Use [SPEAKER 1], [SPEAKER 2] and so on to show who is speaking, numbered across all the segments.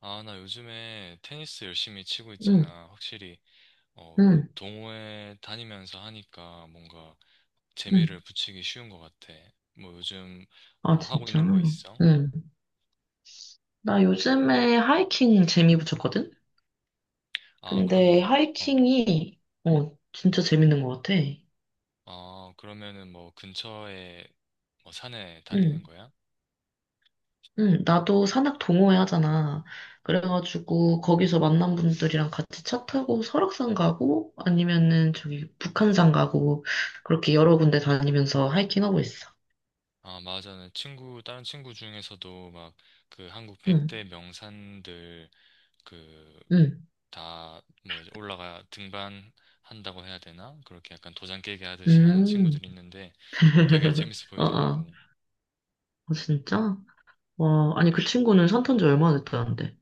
[SPEAKER 1] 아, 나 요즘에 테니스 열심히 치고
[SPEAKER 2] 응,
[SPEAKER 1] 있잖아. 확실히, 어,
[SPEAKER 2] 응,
[SPEAKER 1] 동호회 다니면서 하니까 뭔가
[SPEAKER 2] 응.
[SPEAKER 1] 재미를 붙이기 쉬운 것 같아. 뭐 요즘
[SPEAKER 2] 아,
[SPEAKER 1] 뭐 하고
[SPEAKER 2] 진짜?
[SPEAKER 1] 있는 거 있어?
[SPEAKER 2] 응. 나 요즘에 하이킹 재미 붙였거든?
[SPEAKER 1] 아,
[SPEAKER 2] 근데
[SPEAKER 1] 그러면, 어,
[SPEAKER 2] 하이킹이, 어, 진짜 재밌는 것 같아.
[SPEAKER 1] 아, 그러면은 뭐 근처에 뭐 산에 다니는
[SPEAKER 2] 응,
[SPEAKER 1] 거야?
[SPEAKER 2] 응. 나도 산악 동호회 하잖아. 그래가지고, 거기서 만난 분들이랑 같이 차 타고 설악산 가고, 아니면은 저기 북한산 가고, 그렇게 여러 군데 다니면서 하이킹하고 있어.
[SPEAKER 1] 아, 맞아. 나 친구, 다른 친구 중에서도 막 그 한국
[SPEAKER 2] 응,
[SPEAKER 1] 100대 명산들 그
[SPEAKER 2] 응,
[SPEAKER 1] 다 뭐 이제 올라가 등반한다고 해야 되나? 그렇게 약간 도장 깨기 하듯이 하는
[SPEAKER 2] 응.
[SPEAKER 1] 친구들이 있는데 어, 되게 재밌어
[SPEAKER 2] 어, 어.
[SPEAKER 1] 보이더라고.
[SPEAKER 2] 아, 진짜? 와, 아니, 그 친구는 산탄지 얼마나 됐다는데?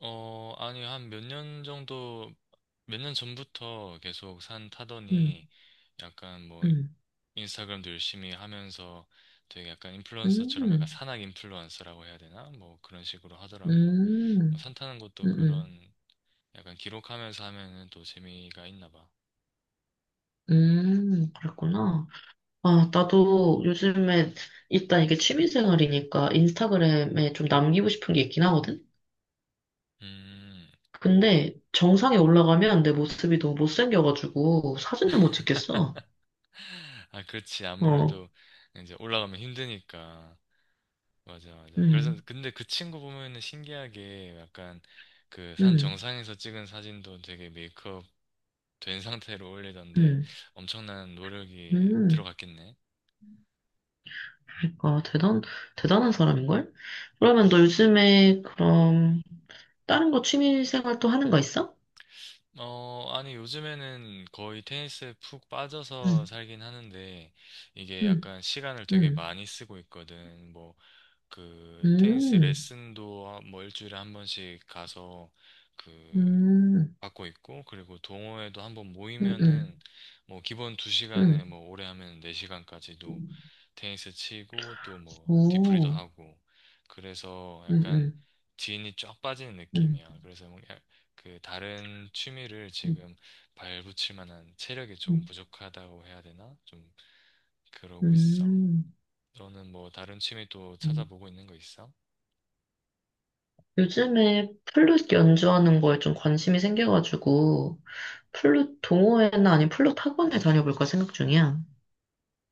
[SPEAKER 1] 어, 아니 한 몇 년 정도 몇 년 전부터 계속 산
[SPEAKER 2] 음,
[SPEAKER 1] 타더니 약간 뭐
[SPEAKER 2] 음,
[SPEAKER 1] 인스타그램도 열심히 하면서 되게 약간
[SPEAKER 2] 음,
[SPEAKER 1] 인플루언서처럼 약간
[SPEAKER 2] 음,
[SPEAKER 1] 산악 인플루언서라고 해야 되나? 뭐 그런 식으로 하더라고.
[SPEAKER 2] 음,
[SPEAKER 1] 뭐 산 타는
[SPEAKER 2] 음,
[SPEAKER 1] 것도
[SPEAKER 2] 음,
[SPEAKER 1] 그런 약간 기록하면서 하면은 또 재미가 있나 봐.
[SPEAKER 2] 그랬구나. 아, 나도 요즘에 일단 이게 취미생활이니까 인스타그램에 좀 남기고 싶은 게 있긴 하거든?
[SPEAKER 1] 음. 뭐
[SPEAKER 2] 근데 정상에 올라가면 내 모습이 너무 못생겨가지고 사진도 못 찍겠어.
[SPEAKER 1] 아, 그렇지.
[SPEAKER 2] 어,
[SPEAKER 1] 아무래도 이제 올라가면 힘드니까. 맞아, 맞아. 그래서
[SPEAKER 2] 음,
[SPEAKER 1] 근데 그 친구 보면은 신기하게 약간 그 산
[SPEAKER 2] 음,
[SPEAKER 1] 정상에서 찍은 사진도 되게 메이크업 된 상태로 올리던데
[SPEAKER 2] 음,
[SPEAKER 1] 엄청난 노력이
[SPEAKER 2] 음.
[SPEAKER 1] 들어갔겠네.
[SPEAKER 2] 그러니까 대단한 사람인걸? 그러면 너 요즘에 그럼 다른 거 취미생활 또 하는 거 있어?
[SPEAKER 1] 어, 아니, 요즘에는 거의 테니스에 푹 빠져서
[SPEAKER 2] 응,
[SPEAKER 1] 살긴 하는데, 이게
[SPEAKER 2] 응,
[SPEAKER 1] 약간 시간을 되게
[SPEAKER 2] 응.
[SPEAKER 1] 많이 쓰고 있거든. 뭐, 그, 테니스
[SPEAKER 2] 음,
[SPEAKER 1] 레슨도 뭐 일주일에 한 번씩 가서, 그
[SPEAKER 2] 음,
[SPEAKER 1] 갖고 있고, 그리고 동호회도 한번
[SPEAKER 2] 음, 음,
[SPEAKER 1] 모이면은, 뭐, 기본 2시간에
[SPEAKER 2] 음.
[SPEAKER 1] 뭐, 오래 하면 4시간까지도 테니스 치고, 또 뭐, 뒤풀이도
[SPEAKER 2] 오,
[SPEAKER 1] 하고, 그래서 약간
[SPEAKER 2] 음,
[SPEAKER 1] 지인이 쫙 빠지는
[SPEAKER 2] 음,
[SPEAKER 1] 느낌이야. 그래서 뭐 그, 다른 취미를
[SPEAKER 2] 음,
[SPEAKER 1] 지금 발붙일 만한 체력이 조금
[SPEAKER 2] 음.
[SPEAKER 1] 부족하다고 해야 되나? 좀, 그러고 있어.
[SPEAKER 2] 음.
[SPEAKER 1] 너는 뭐, 다른 취미 또
[SPEAKER 2] 음.
[SPEAKER 1] 찾아보고 있는 거 있어?
[SPEAKER 2] 요즘에 플룻 연주하는 거에 좀 관심이 생겨가지고, 플룻 동호회나 아니면 플룻 학원을 다녀볼까 생각 중이야.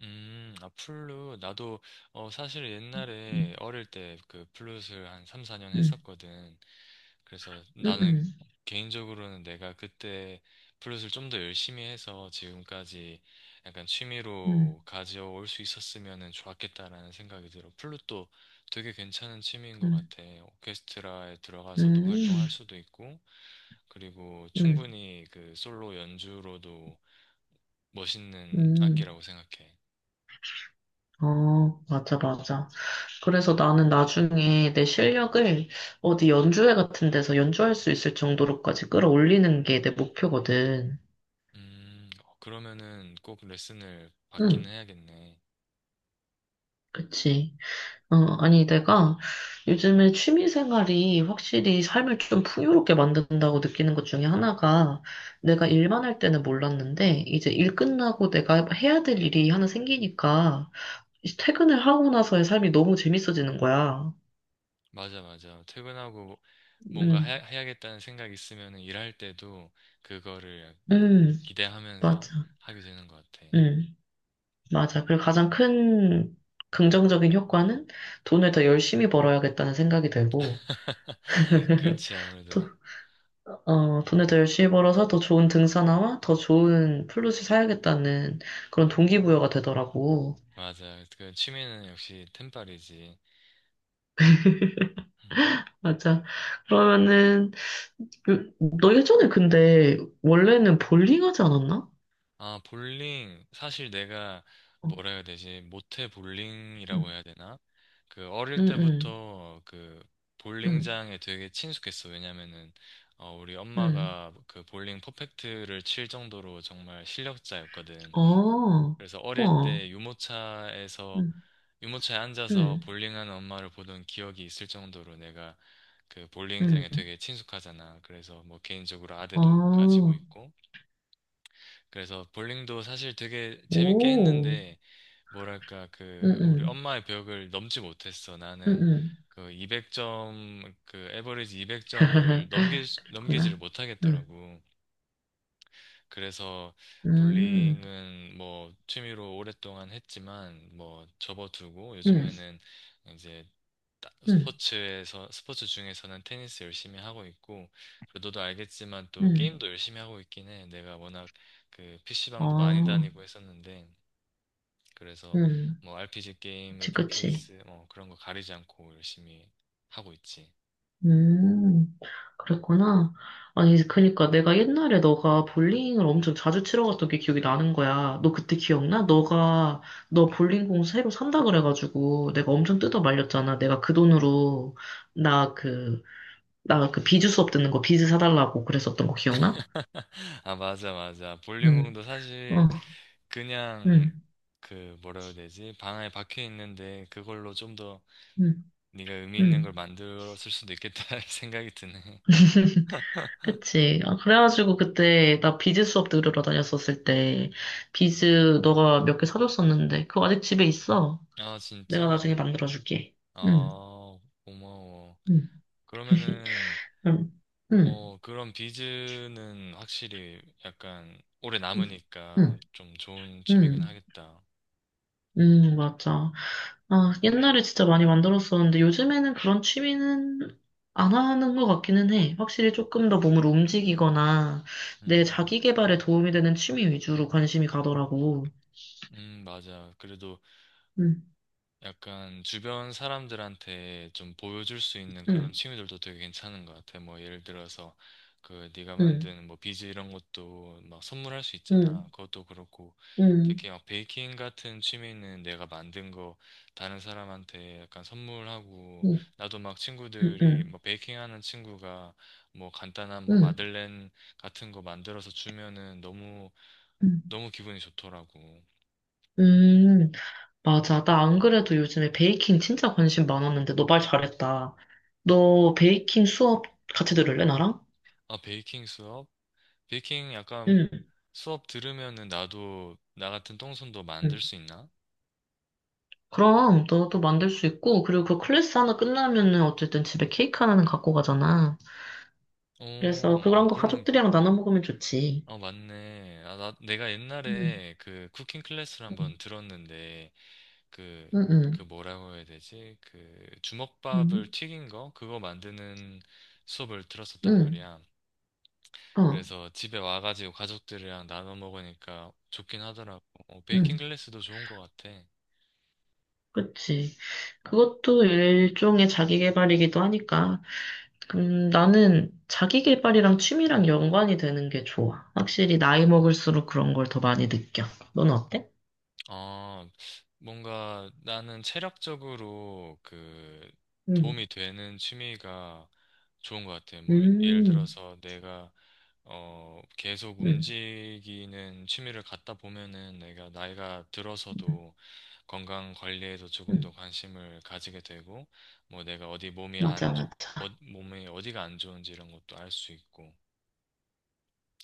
[SPEAKER 1] 아, 플룻. 나도, 어, 사실 옛날에
[SPEAKER 2] 음,
[SPEAKER 1] 어릴 때 그 플룻을 한 3, 4년
[SPEAKER 2] 음,
[SPEAKER 1] 했었거든. 그래서 나는
[SPEAKER 2] 음,
[SPEAKER 1] 개인적으로는 내가 그때 플룻을 좀 더 열심히 해서 지금까지 약간
[SPEAKER 2] 음,
[SPEAKER 1] 취미로 가져올 수 있었으면 좋았겠다라는 생각이 들어. 플룻도 되게 괜찮은 취미인 것
[SPEAKER 2] 음,
[SPEAKER 1] 같아. 오케스트라에 들어가서도
[SPEAKER 2] 음, 음,
[SPEAKER 1] 활동할 수도 있고, 그리고
[SPEAKER 2] 음.
[SPEAKER 1] 충분히 그 솔로 연주로도 멋있는
[SPEAKER 2] 음.
[SPEAKER 1] 악기라고 생각해.
[SPEAKER 2] 어, 맞아, 맞아. 그래서 나는 나중에 내 실력을 어디 연주회 같은 데서 연주할 수 있을 정도로까지 끌어올리는 게 내 목표거든.
[SPEAKER 1] 음, 그러면은 꼭 레슨을 받기는
[SPEAKER 2] 응,
[SPEAKER 1] 해야겠네.
[SPEAKER 2] 그치. 어, 아니, 내가 요즘에 취미 생활이 확실히 삶을 좀 풍요롭게 만든다고 느끼는 것 중에 하나가 내가 일만 할 때는 몰랐는데 이제 일 끝나고 내가 해야 될 일이 하나 생기니까 이제 퇴근을 하고 나서의 삶이 너무 재밌어지는 거야.
[SPEAKER 1] 맞아, 맞아. 퇴근하고 뭔가
[SPEAKER 2] 응,
[SPEAKER 1] 해야, 해야겠다는 생각 있으면은 일할 때도 그거를 약간
[SPEAKER 2] 응,
[SPEAKER 1] 기대하면서
[SPEAKER 2] 맞아.
[SPEAKER 1] 하게 되는 것 같아.
[SPEAKER 2] 응. 맞아. 그리고 가장 큰 긍정적인 효과는 돈을 더 열심히 벌어야겠다는 생각이 들고,
[SPEAKER 1] 그렇지,
[SPEAKER 2] 또,
[SPEAKER 1] 아무래도.
[SPEAKER 2] 어, 돈을 더 열심히 벌어서 더 좋은 등산화와 더 좋은 플룻을 사야겠다는 그런 동기부여가 되더라고.
[SPEAKER 1] 맞아. 그 취미는 역시 템빨이지.
[SPEAKER 2] 맞아. 그러면은, 그, 너 예전에 근데 원래는 볼링 하지 않았나?
[SPEAKER 1] 아, 볼링. 사실 내가
[SPEAKER 2] 어,
[SPEAKER 1] 뭐라 해야 되지? 모태
[SPEAKER 2] 응,
[SPEAKER 1] 볼링이라고 해야 되나? 그 어릴
[SPEAKER 2] 응, 응,
[SPEAKER 1] 때부터 그
[SPEAKER 2] 응,
[SPEAKER 1] 볼링장에 되게 친숙했어. 왜냐면은 어, 우리
[SPEAKER 2] 응.
[SPEAKER 1] 엄마가 그 볼링 퍼펙트를 칠 정도로 정말 실력자였거든.
[SPEAKER 2] 어,
[SPEAKER 1] 그래서 어릴
[SPEAKER 2] 우와.
[SPEAKER 1] 때
[SPEAKER 2] 응,
[SPEAKER 1] 유모차에 앉아서
[SPEAKER 2] 응,
[SPEAKER 1] 볼링하는 엄마를 보던 기억이 있을 정도로 내가 그 볼링장에
[SPEAKER 2] 응.
[SPEAKER 1] 되게 친숙하잖아. 그래서 뭐 개인적으로 아대도
[SPEAKER 2] 아,
[SPEAKER 1] 가지고 있고. 그래서 볼링도 사실 되게 재밌게
[SPEAKER 2] 오,
[SPEAKER 1] 했는데, 뭐랄까,
[SPEAKER 2] 응,
[SPEAKER 1] 그, 우리
[SPEAKER 2] 응.
[SPEAKER 1] 엄마의 벽을 넘지 못했어.
[SPEAKER 2] 응,
[SPEAKER 1] 나는
[SPEAKER 2] 응.
[SPEAKER 1] 그 200점, 그, 에버리지 200점을 넘기지를
[SPEAKER 2] 그렇구나. 응,
[SPEAKER 1] 못하겠더라고. 그래서
[SPEAKER 2] 음,
[SPEAKER 1] 볼링은 뭐 취미로 오랫동안 했지만, 뭐 접어두고,
[SPEAKER 2] 응,
[SPEAKER 1] 요즘에는 이제
[SPEAKER 2] 응,
[SPEAKER 1] 스포츠 중에서는 테니스 열심히 하고 있고, 그리고 너도 알겠지만 또
[SPEAKER 2] 응.
[SPEAKER 1] 게임도 열심히 하고 있긴 해. 내가 워낙 그 PC방도 많이
[SPEAKER 2] 아,
[SPEAKER 1] 다니고 했었는데, 그래서
[SPEAKER 2] 응.
[SPEAKER 1] 뭐 RPG 게임,
[SPEAKER 2] 그치, 그치.
[SPEAKER 1] FPS, 뭐 그런 거 가리지 않고 열심히 하고 있지.
[SPEAKER 2] 음, 그랬구나. 아니, 그니까 내가 옛날에 너가 볼링을 엄청 자주 치러 갔던 게 기억이 나는 거야. 너 그때 기억나? 너 볼링공 새로 산다 그래가지고 내가 엄청 뜯어 말렸잖아. 내가 그 돈으로 나 그, 나 그 비즈 수업 듣는 거 비즈 사달라고 그랬었던 거 기억나?
[SPEAKER 1] 아, 맞아, 맞아.
[SPEAKER 2] 응,
[SPEAKER 1] 볼링공도
[SPEAKER 2] 어,
[SPEAKER 1] 사실 그냥
[SPEAKER 2] 응,
[SPEAKER 1] 그 뭐라 해야 되지? 방 안에 박혀 있는데 그걸로 좀 더
[SPEAKER 2] 응,
[SPEAKER 1] 네가 의미 있는
[SPEAKER 2] 응.
[SPEAKER 1] 걸 만들었을 수도 있겠다 생각이 드네.
[SPEAKER 2] 그치. 아, 그래가지고 그때 나 비즈 수업 들으러 다녔었을 때 비즈 너가 몇 개 사줬었는데 그거 아직 집에 있어.
[SPEAKER 1] 아,
[SPEAKER 2] 내가
[SPEAKER 1] 진짜?
[SPEAKER 2] 나중에 만들어줄게. 응,
[SPEAKER 1] 아, 고마워.
[SPEAKER 2] 응,
[SPEAKER 1] 그러면은,
[SPEAKER 2] 응. 응,
[SPEAKER 1] 어, 그런 비즈는 확실히 약간 오래
[SPEAKER 2] 응,
[SPEAKER 1] 남으니까
[SPEAKER 2] 응.
[SPEAKER 1] 좀 좋은 취미긴
[SPEAKER 2] 응...
[SPEAKER 1] 하겠다.
[SPEAKER 2] 응, 맞아. 아, 옛날에 진짜 많이 만들었었는데 요즘에는 그런 취미는 안 하는 것 같기는 해. 확실히 조금 더 몸을 움직이거나 내
[SPEAKER 1] 음,
[SPEAKER 2] 자기 개발에 도움이 되는 취미 위주로 관심이 가더라고.
[SPEAKER 1] 맞아. 그래도
[SPEAKER 2] 응.
[SPEAKER 1] 약간 주변 사람들한테 좀 보여줄 수 있는 그런
[SPEAKER 2] 응,
[SPEAKER 1] 취미들도 되게 괜찮은 것 같아. 뭐 예를 들어서 그 네가
[SPEAKER 2] 응,
[SPEAKER 1] 만든 뭐 비즈 이런 것도 막 선물할 수
[SPEAKER 2] 응,
[SPEAKER 1] 있잖아. 그것도 그렇고
[SPEAKER 2] 응,
[SPEAKER 1] 특히 막 베이킹 같은 취미는 내가 만든 거 다른 사람한테 약간 선물하고
[SPEAKER 2] 응.
[SPEAKER 1] 나도 막
[SPEAKER 2] 응,
[SPEAKER 1] 친구들이
[SPEAKER 2] 응,
[SPEAKER 1] 뭐 베이킹 하는 친구가 뭐 간단한 뭐
[SPEAKER 2] 응.
[SPEAKER 1] 마들렌 같은 거 만들어서 주면은 너무
[SPEAKER 2] 응
[SPEAKER 1] 너무 기분이 좋더라고.
[SPEAKER 2] 음, 맞아. 나 안 그래도 요즘에 베이킹 진짜 관심 많았는데, 너 말 잘했다. 너 베이킹 수업 같이 들을래, 나랑?
[SPEAKER 1] 아, 베이킹 수업? 베이킹 약간
[SPEAKER 2] 응,
[SPEAKER 1] 수업 들으면은 나도 나 같은 똥손도 만들
[SPEAKER 2] 응.
[SPEAKER 1] 수 있나?
[SPEAKER 2] 그럼, 너도 만들 수 있고, 그리고 그 클래스 하나 끝나면은 어쨌든 집에 케이크 하나는 갖고 가잖아.
[SPEAKER 1] 어,
[SPEAKER 2] 그래서 그런
[SPEAKER 1] 어,
[SPEAKER 2] 거
[SPEAKER 1] 그러면,
[SPEAKER 2] 가족들이랑 나눠 먹으면 좋지.
[SPEAKER 1] 어, 맞네. 아, 나, 내가
[SPEAKER 2] 응
[SPEAKER 1] 옛날에 그 쿠킹 클래스를
[SPEAKER 2] 응,
[SPEAKER 1] 한번 들었는데, 그, 그
[SPEAKER 2] 응,
[SPEAKER 1] 뭐라고 해야 되지? 그 주먹밥을
[SPEAKER 2] 응
[SPEAKER 1] 튀긴 거? 그거 만드는 수업을 들었었단
[SPEAKER 2] 응,
[SPEAKER 1] 말이야.
[SPEAKER 2] 응, 어,
[SPEAKER 1] 그래서 집에 와가지고 가족들이랑 나눠 먹으니까 좋긴 하더라고. 어, 베이킹
[SPEAKER 2] 응.
[SPEAKER 1] 클래스도 좋은 것 같아.
[SPEAKER 2] 그치. 그것도 일종의 자기 개발이기도 하니까 나는 자기 개발이랑 취미랑 연관이 되는 게 좋아. 확실히 나이 먹을수록 그런 걸 더 많이 느껴. 넌 어때?
[SPEAKER 1] 아, 뭔가 나는 체력적으로 그
[SPEAKER 2] 음,
[SPEAKER 1] 도움이 되는 취미가 좋은 것 같아. 뭐, 예를
[SPEAKER 2] 음,
[SPEAKER 1] 들어서 내가, 어, 계속
[SPEAKER 2] 음,
[SPEAKER 1] 움직이는 취미를 갖다 보면은 내가 나이가
[SPEAKER 2] 음,
[SPEAKER 1] 들어서도 건강 관리에도 조금 더
[SPEAKER 2] 음.
[SPEAKER 1] 관심을 가지게 되고, 뭐 내가 어디 몸이
[SPEAKER 2] 맞아,
[SPEAKER 1] 안, 좋- 어,
[SPEAKER 2] 맞아.
[SPEAKER 1] 몸이 어디가 안 좋은지 이런 것도 알 수 있고,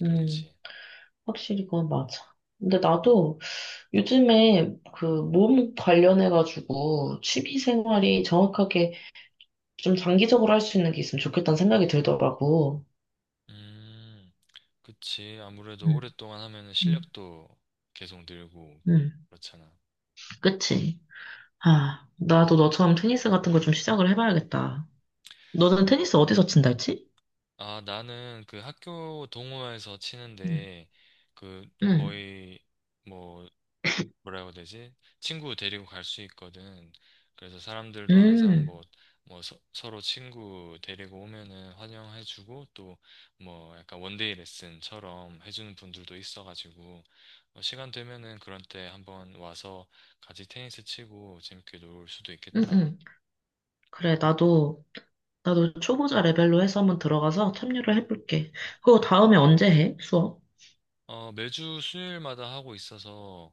[SPEAKER 2] 음,
[SPEAKER 1] 그렇지.
[SPEAKER 2] 확실히 그건 맞아. 근데 나도 요즘에 그 몸 관련해가지고 취미 생활이 정확하게 좀 장기적으로 할 수 있는 게 있으면 좋겠다는 생각이 들더라고.
[SPEAKER 1] 음. 그치. 아무래도
[SPEAKER 2] 음,
[SPEAKER 1] 오랫동안 하면은
[SPEAKER 2] 음,
[SPEAKER 1] 실력도 계속 늘고,
[SPEAKER 2] 음.
[SPEAKER 1] 그렇잖아.
[SPEAKER 2] 그치? 아, 나도 너처럼 테니스 같은 걸 좀 시작을 해봐야겠다. 너는 테니스 어디서 친다 했지?
[SPEAKER 1] 아, 나는 그 학교 동호회에서
[SPEAKER 2] 응,
[SPEAKER 1] 치는데, 그
[SPEAKER 2] 응,
[SPEAKER 1] 거의 뭐 뭐라고 해야 되지? 친구 데리고 갈 수 있거든. 그래서 사람들도 항상
[SPEAKER 2] 응,
[SPEAKER 1] 뭐, 서로 친구 데리고 오면은 환영해주고 또 뭐 약간 원데이 레슨처럼 해주는 분들도 있어가지고 어, 시간 되면은 그런 때 한번 와서 같이 테니스 치고 재밌게 놀 수도
[SPEAKER 2] 응,
[SPEAKER 1] 있겠다.
[SPEAKER 2] 응. 그래, 나도, 나도 초보자 레벨로 해서 한번 들어가서 참여를 해볼게. 그거 다음에 언제 해? 수업?
[SPEAKER 1] 어, 매주 수요일마다 하고 있어서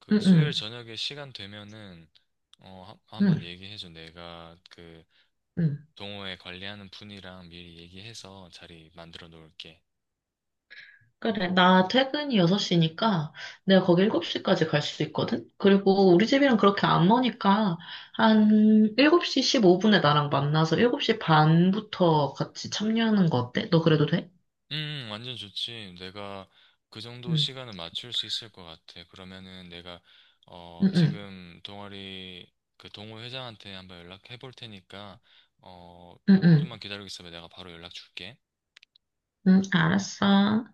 [SPEAKER 1] 그
[SPEAKER 2] 응,
[SPEAKER 1] 수요일
[SPEAKER 2] 응,
[SPEAKER 1] 저녁에 시간 되면은 어,
[SPEAKER 2] 응,
[SPEAKER 1] 한번 얘기해줘. 내가 그
[SPEAKER 2] 응.
[SPEAKER 1] 동호회 관리하는 분이랑 미리 얘기해서 자리 만들어 놓을게.
[SPEAKER 2] 그래, 나 퇴근이 6시니까 내가 거기 7시까지 갈 수 있거든? 그리고 우리 집이랑 그렇게 안 머니까 한 7시 15분에 나랑 만나서 7시 반부터 같이 참여하는 거 어때? 너 그래도 돼?
[SPEAKER 1] 음, 완전 좋지. 내가 그 정도
[SPEAKER 2] 응,
[SPEAKER 1] 시간은 맞출 수 있을 것 같아. 그러면은 내가, 어,
[SPEAKER 2] 응, 응,
[SPEAKER 1] 지금 동아리, 그 동호회장한테 한번 연락해 볼 테니까, 어,
[SPEAKER 2] 응, 응,
[SPEAKER 1] 좀만 기다리고 있어봐. 내가 바로 연락 줄게.
[SPEAKER 2] 응, 알았어.